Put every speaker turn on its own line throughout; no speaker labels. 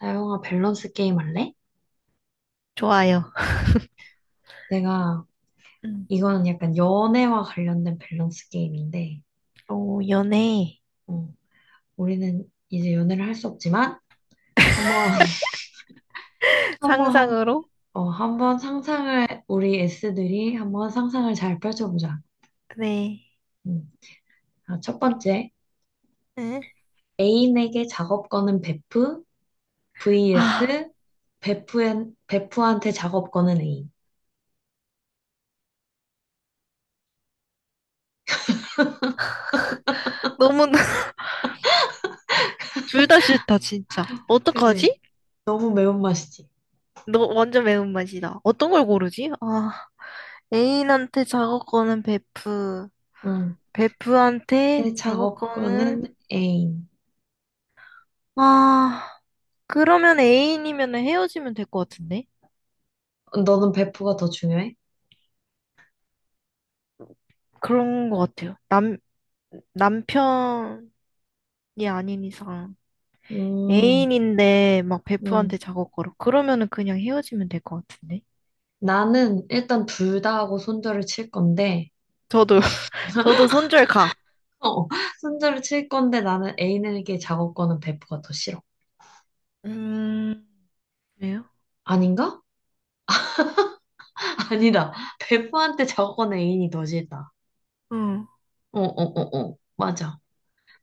나영아, 밸런스 게임 할래?
좋아요.
내가
음,
이거는 약간 연애와 관련된 밸런스 게임인데,
오, 연애.
어, 우리는 이제 연애를 할 수 없지만 한번 한번
상상으로?
어, 한번 상상을 우리 S들이 한번 상상을 잘 펼쳐보자.
네.
음. 아, 첫 번째
응?
애인에게 작업 거는 베프
아,
vs 베프엔 베프한테 작업 거는 애인.
너무 둘 다 싫다 진짜.
그지?
어떡하지?
너무 매운맛이지.
너 완전 매운맛이다. 어떤 걸 고르지? 아, 애인한테 작업권은 베프.
음.
베프한테
근데 작업
작업권은.
거는 애인.
아, 그러면 애인이면 헤어지면 될 것 같은데?
너는 베프가 더 중요해?
그런 것 같아요. 남 남편이 아닌 이상.
음,
애인인데 막 베프한테
음.
작업 걸어. 그러면은 그냥 헤어지면 될 것 같은데.
나는 일단 둘 다 하고 손절을 칠 건데,
저도 저도 손절 가.
어, 손절을 칠 건데 나는 애인에게 작업 거는 베프가 더 싫어.
음, 왜요?
아닌가? 아니다. 베프한테 작업 거는 애인이 더 싫다.
응.
어, 어, 어, 어. 맞아.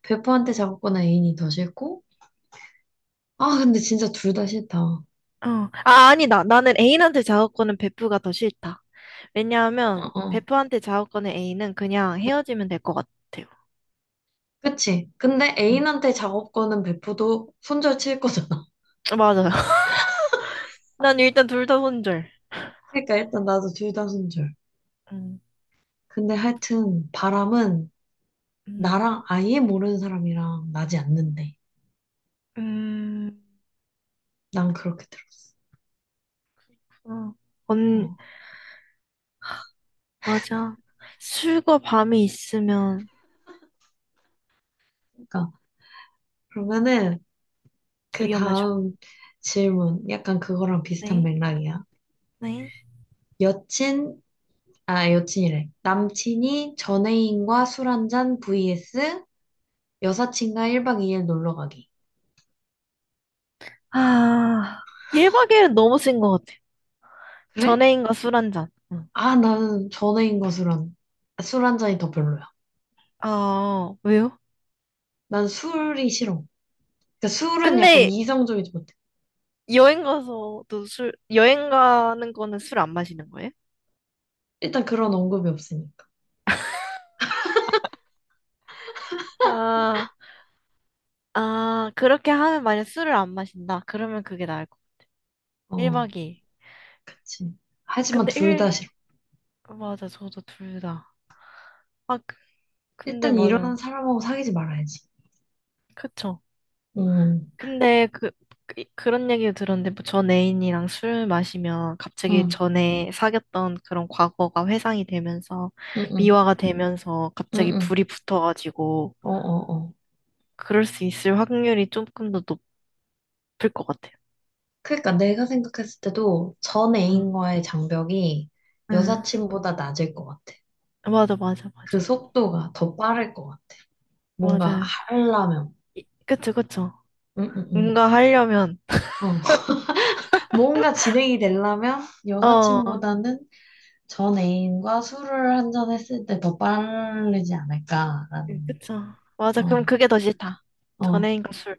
베프한테 작업 거는 애인이 더 싫고, 아, 근데 진짜 둘 다 싫다. 어,
어. 아, 아니다. 나는 애인한테 작업 거는 베프가 더 싫다. 왜냐하면
어.
베프한테 작업 거는 애인은 그냥 헤어지면 될 것 같아요.
그치? 근데
응.
애인한테 작업 거는 베프도 손절 칠 거잖아.
맞아요. 난 일단 둘 다 손절.
그러니까 일단 나도 둘 다 손절.
음,
근데 하여튼 바람은
음.
나랑 아예 모르는 사람이랑 나지 않는데.
음.
난 그렇게 들었어.
어. 언
어,
맞아. 술과 밤이 있으면
그러니까 그러면은 그
위험하죠.
다음 질문 약간 그거랑 비슷한
네.
맥락이야.
네.
여친 아, 여친이래. 남친이 전애인과 술 한잔 vs 여사친과 1박 2일 놀러 가기.
아, 1박 2일은 너무 센 것 같아. 전
그래?
에인과 술 한 잔. 응.
아, 나는 전애인과 술 한잔이 더 별로야.
아, 왜요?
난 술이 싫어. 그러니까 술은
근데
약간 이성적이지 못해.
여행 가서도 여행 가는 거는 술 안 마시는 거예요?
일단 그런 언급이 없으니까.
아, 아, 그렇게 하면 만약 술을 안 마신다. 그러면 그게 나을 거. 1박
어,
2일.
그치. 하지만
근데
둘 다 싫어.
1, 맞아, 저도 둘 다. 아, 근데
일단
맞아.
일어난 사람하고 사귀지 말아야지.
그쵸.
응,
근데 그런 얘기를 들었는데 뭐 전 애인이랑 술 마시면 갑자기
응.
전에 사귀었던 그런 과거가 회상이 되면서
응, 응,
미화가 되면서
응,
갑자기
응,
불이 붙어가지고
어, 어, 어.
그럴 수 있을 확률이 조금 더 높을 것 같아요.
그러니까 내가 생각했을 때도 전
응,
애인과의 장벽이
응.
여사친보다 낮을 것 같아.
맞아, 맞아,
그
맞아.
속도가 더 빠를 것 같아. 뭔가
맞아.
하려면,
그쵸, 그쵸.
응, 응, 응,
뭔가 하려면,
어, 뭔가 진행이 되려면
어,
여사친보다는 전 애인과 술을 한 잔 했을 때 더 빠르지 않을까라는.
그쵸. 맞아. 그럼
어,
그게 더 싫다. 전
어.
애인과 술.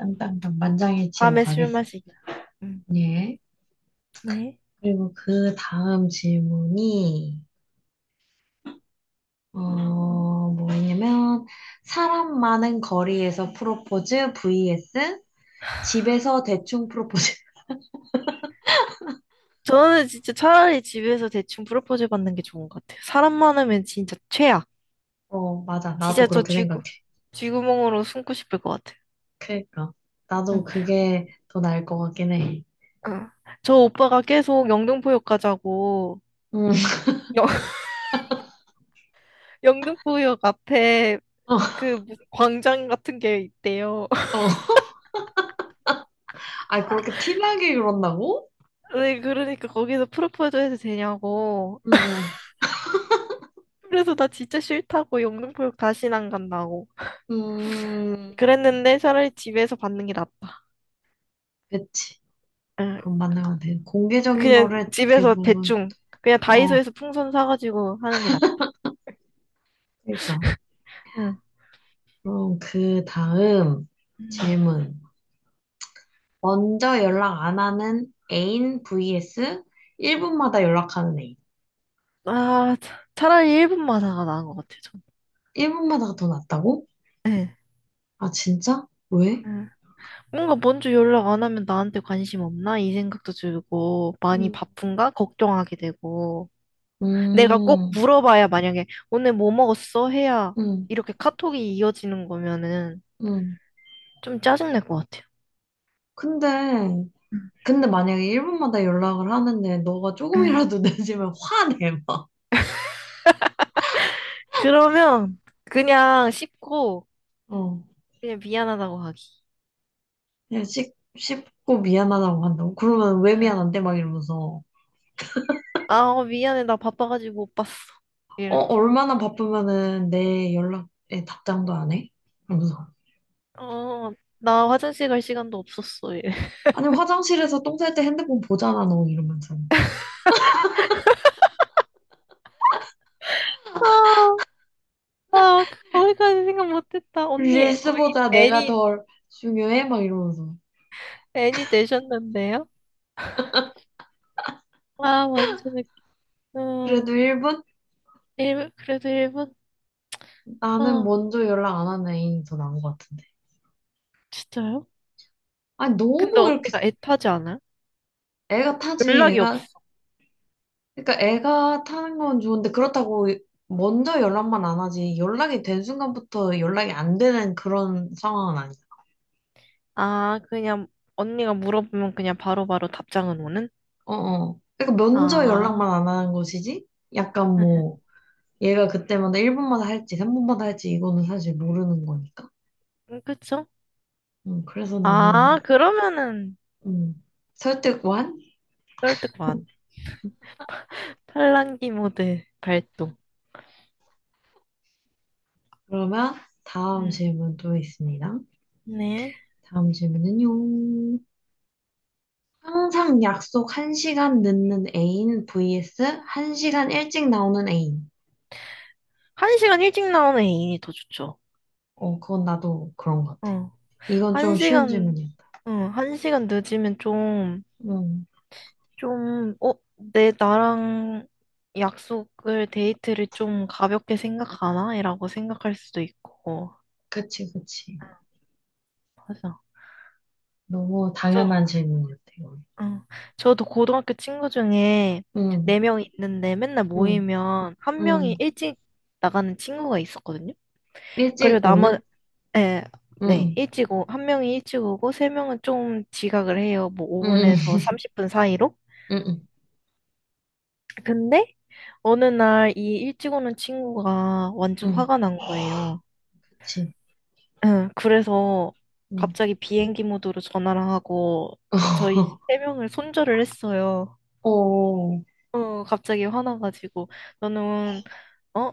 땅땅땅 만장일치로
밤에 술
가겠습니다.
마시기. 응.
예.
네.
그리고 그 다음 질문이, 뭐냐면, 사람 많은 거리에서 프로포즈 vs 집에서 대충 프로포즈.
저는 진짜 차라리 집에서 대충 프로포즈 받는 게 좋은 것 같아요. 사람 많으면 진짜 최악.
어, 맞아. 나도
진짜 저
그렇게 생각해.
쥐구멍으로 숨고 싶을 것 같아요.
그러니까. 나도
응.
그게 더 나을 것 같긴 해.
응. 저 오빠가 계속 영등포역 가자고,
음.
영, 영등포역 앞에
어,
그 무슨 광장 같은 게 있대요.
어. 아, 그렇게 티나게 그런다고?
네, 그러니까 거기서 프로포즈 해도 되냐고.
응,
그래서 나 진짜 싫다고 영등포역 다시는 안 간다고.
응. 음,
그랬는데 차라리 집에서 받는 게 낫다.
그치.
응.
그건 맞는 것 같아. 공개적인
그냥
거를
집에서
대부분,
대충 그냥
어,
다이소에서 풍선 사가지고 하는 게 낫다.
그러니까.
응.
그럼 그 다음
음.
질문. 먼저 연락 안 하는 애인 vs 1분마다 연락하는 애인.
아, 차라리 1분 마사가 나은 것 같아, 전.
1분마다가 더 낫다고?
네.
아, 진짜? 왜?
응. 뭔가 먼저 연락 안 하면 나한테 관심 없나? 이 생각도 들고, 많이
음,
바쁜가? 걱정하게 되고. 내가 꼭
음,
물어봐야 만약에 오늘 뭐 먹었어? 해야
음.
이렇게 카톡이 이어지는 거면은
음.
좀 짜증날 것 같아요.
근데,
응.
근데 만약에 1분마다 연락을 하는데 너가
응.
조금이라도 늦으면 화내, 막.
그러면 그냥 씹고
어.
그냥 미안하다고 하기.
그냥 씹고 미안하다고 한다고? 그러면 왜
응.
미안한데? 막 이러면서.
아, 어, 미안해. 나 바빠가지고 못 봤어.
어,
이렇게.
얼마나 바쁘면은 내 연락에 답장도 안 해? 이러면서.
어, 나 화장실 갈 시간도 없었어. 이래.
아니, 화장실에서 똥 쌀 때 핸드폰 보잖아, 너. 이러면서.
아, 아, 거기까지 생각 못했다. 언니, 거의
릴스보다 내가
애니,
덜 중요해? 막 이러면서.
애니 되셨는데요? 아, 완전 웃겨. 어,
그래도 1분?
그래도 일본?
나는
어,
먼저 연락 안 하는 애인이 더 나은 것 같은데.
진짜요?
아니,
근데
너무 이렇게.
언니가 애타지 않아요?
애가 타지,
연락이
애가.
없어.
그러니까 애가 타는 건 좋은데, 그렇다고 먼저 연락만 안 하지. 연락이 된 순간부터 연락이 안 되는 그런 상황은 아니야.
아, 그냥 언니가 물어보면 그냥 바로바로 답장은 오는?
어어. 그러니까 먼저
아,
연락만 안 하는 것이지? 약간 뭐, 얘가 그때마다 1분마다 할지, 3분마다 할지, 이거는 사실 모르는 거니까.
그쵸?
그래서
아,
나는
그러면은
음, 설득 완?
설득 반. 팔랑기 모드 발동.
그러면 다음
음.
질문 또 있습니다.
네.
다음 질문은요. 항상 약속 한 시간 늦는 애인 vs 한 시간 일찍 나오는 애인.
한 시간 일찍 나오는 애인이 더 좋죠.
어, 그건 나도 그런 것 같아.
어.
이건
한
좀 쉬운
시간,
질문이었다.
한 시간 늦으면 좀,
음,
좀, 내 나랑 데이트를 좀 가볍게 생각하나? 이라고 생각할 수도 있고.
그치, 그치.
맞아.
너무
저,
당연한 질문이었다, 이건.
어, 저도 고등학교 친구 중에
응,
네 명 있는데 맨날 모이면 한
응,
명이
응.
일찍 나가는 친구가 있었거든요. 그리고
일찍 오는?
네,
응, 응,
네,
응,
한 명이 일찍 오고, 세 명은 좀 지각을 해요. 뭐 5분에서 30분 사이로.
응응
근데 어느 날 이 일찍 오는 친구가
응,
완전
응, 응,
화가 난 거예요.
그치.
응, 그래서
응.
갑자기 비행기 모드로 전화를 하고, 저희 세 명을 손절을 했어요.
어, 응,
갑자기 화나가지고, 너는, 어?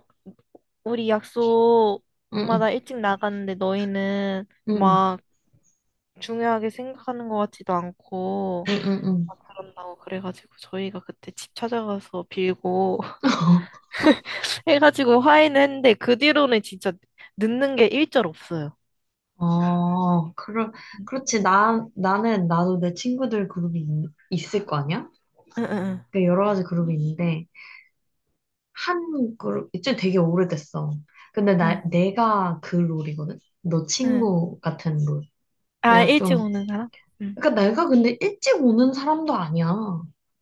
우리
음.
약속마다 일찍 나갔는데 너희는
응,
막 중요하게 생각하는 것 같지도 않고,
응, 응, 응.
막 그런다고 그래가지고 저희가 그때 집 찾아가서 빌고
응.
해가지고 화해는 했는데 그 뒤로는 진짜 늦는 게 일절 없어요.
어, 그렇지. 나도 내 친구들 그룹이 을거 아니야?
응응응
그 여러 가지 그룹이 있는데, 한 그룹, 이제 되게 오래됐어. 근데
응.
나,
응.
내가 그 롤이거든? 너
응.
친구 같은 롤.
아,
내가
일찍
좀,
오는 사람? 응.
그러니까 내가 근데 일찍 오는 사람도 아니야.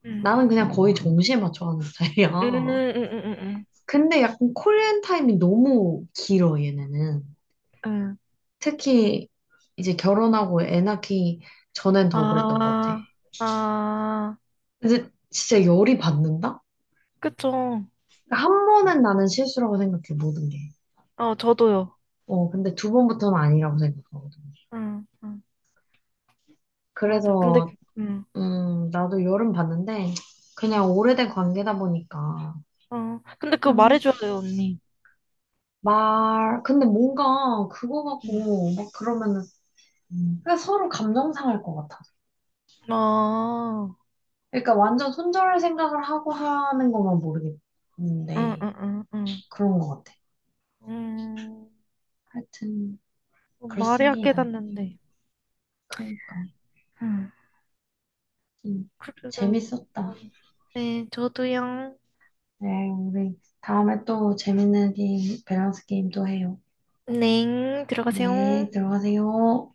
응.
나는 그냥 거의 정시에 맞춰 하는 스타일이야.
응응응응응.
근데 약간 콜앤 타임이 너무 길어, 얘네는.
응.
특히 이제 결혼하고 애 낳기 전엔 더 그랬던 것 같아.
아, 아,
근데 진짜 열이 받는다?
그쵸.
그러니까 한 번은 나는 실수라고 생각해, 모든 게.
어, 저도요.
어, 근데 두 번부터는 아니라고 생각하거든.
응, 응, 맞아.
그래서,
응,
나도 열은 받는데,
응,
그냥 오래된 관계다 보니까,
근데 그거
그냥
말해줘야 돼요, 언니.
근데 뭔가 그거
응.
갖고 막 그러면은. 음. 그냥 서로 감정 상할 것 같아.
아,
그러니까 완전 손절할 생각을 하고 하는 것만
응,
모르겠는데,
응, 응, 응.
그런 것 같아.
음.
하여튼.
말해야
그렇습니다.
깨닫는데.
그러니까
음.
음,
그래서,
재밌었다.
음. 네, 저도요.
네, 우리 다음에 또 재밌는 게임, 밸런스 게임도 해요.
넹,
네,
들어가세요.
들어가세요.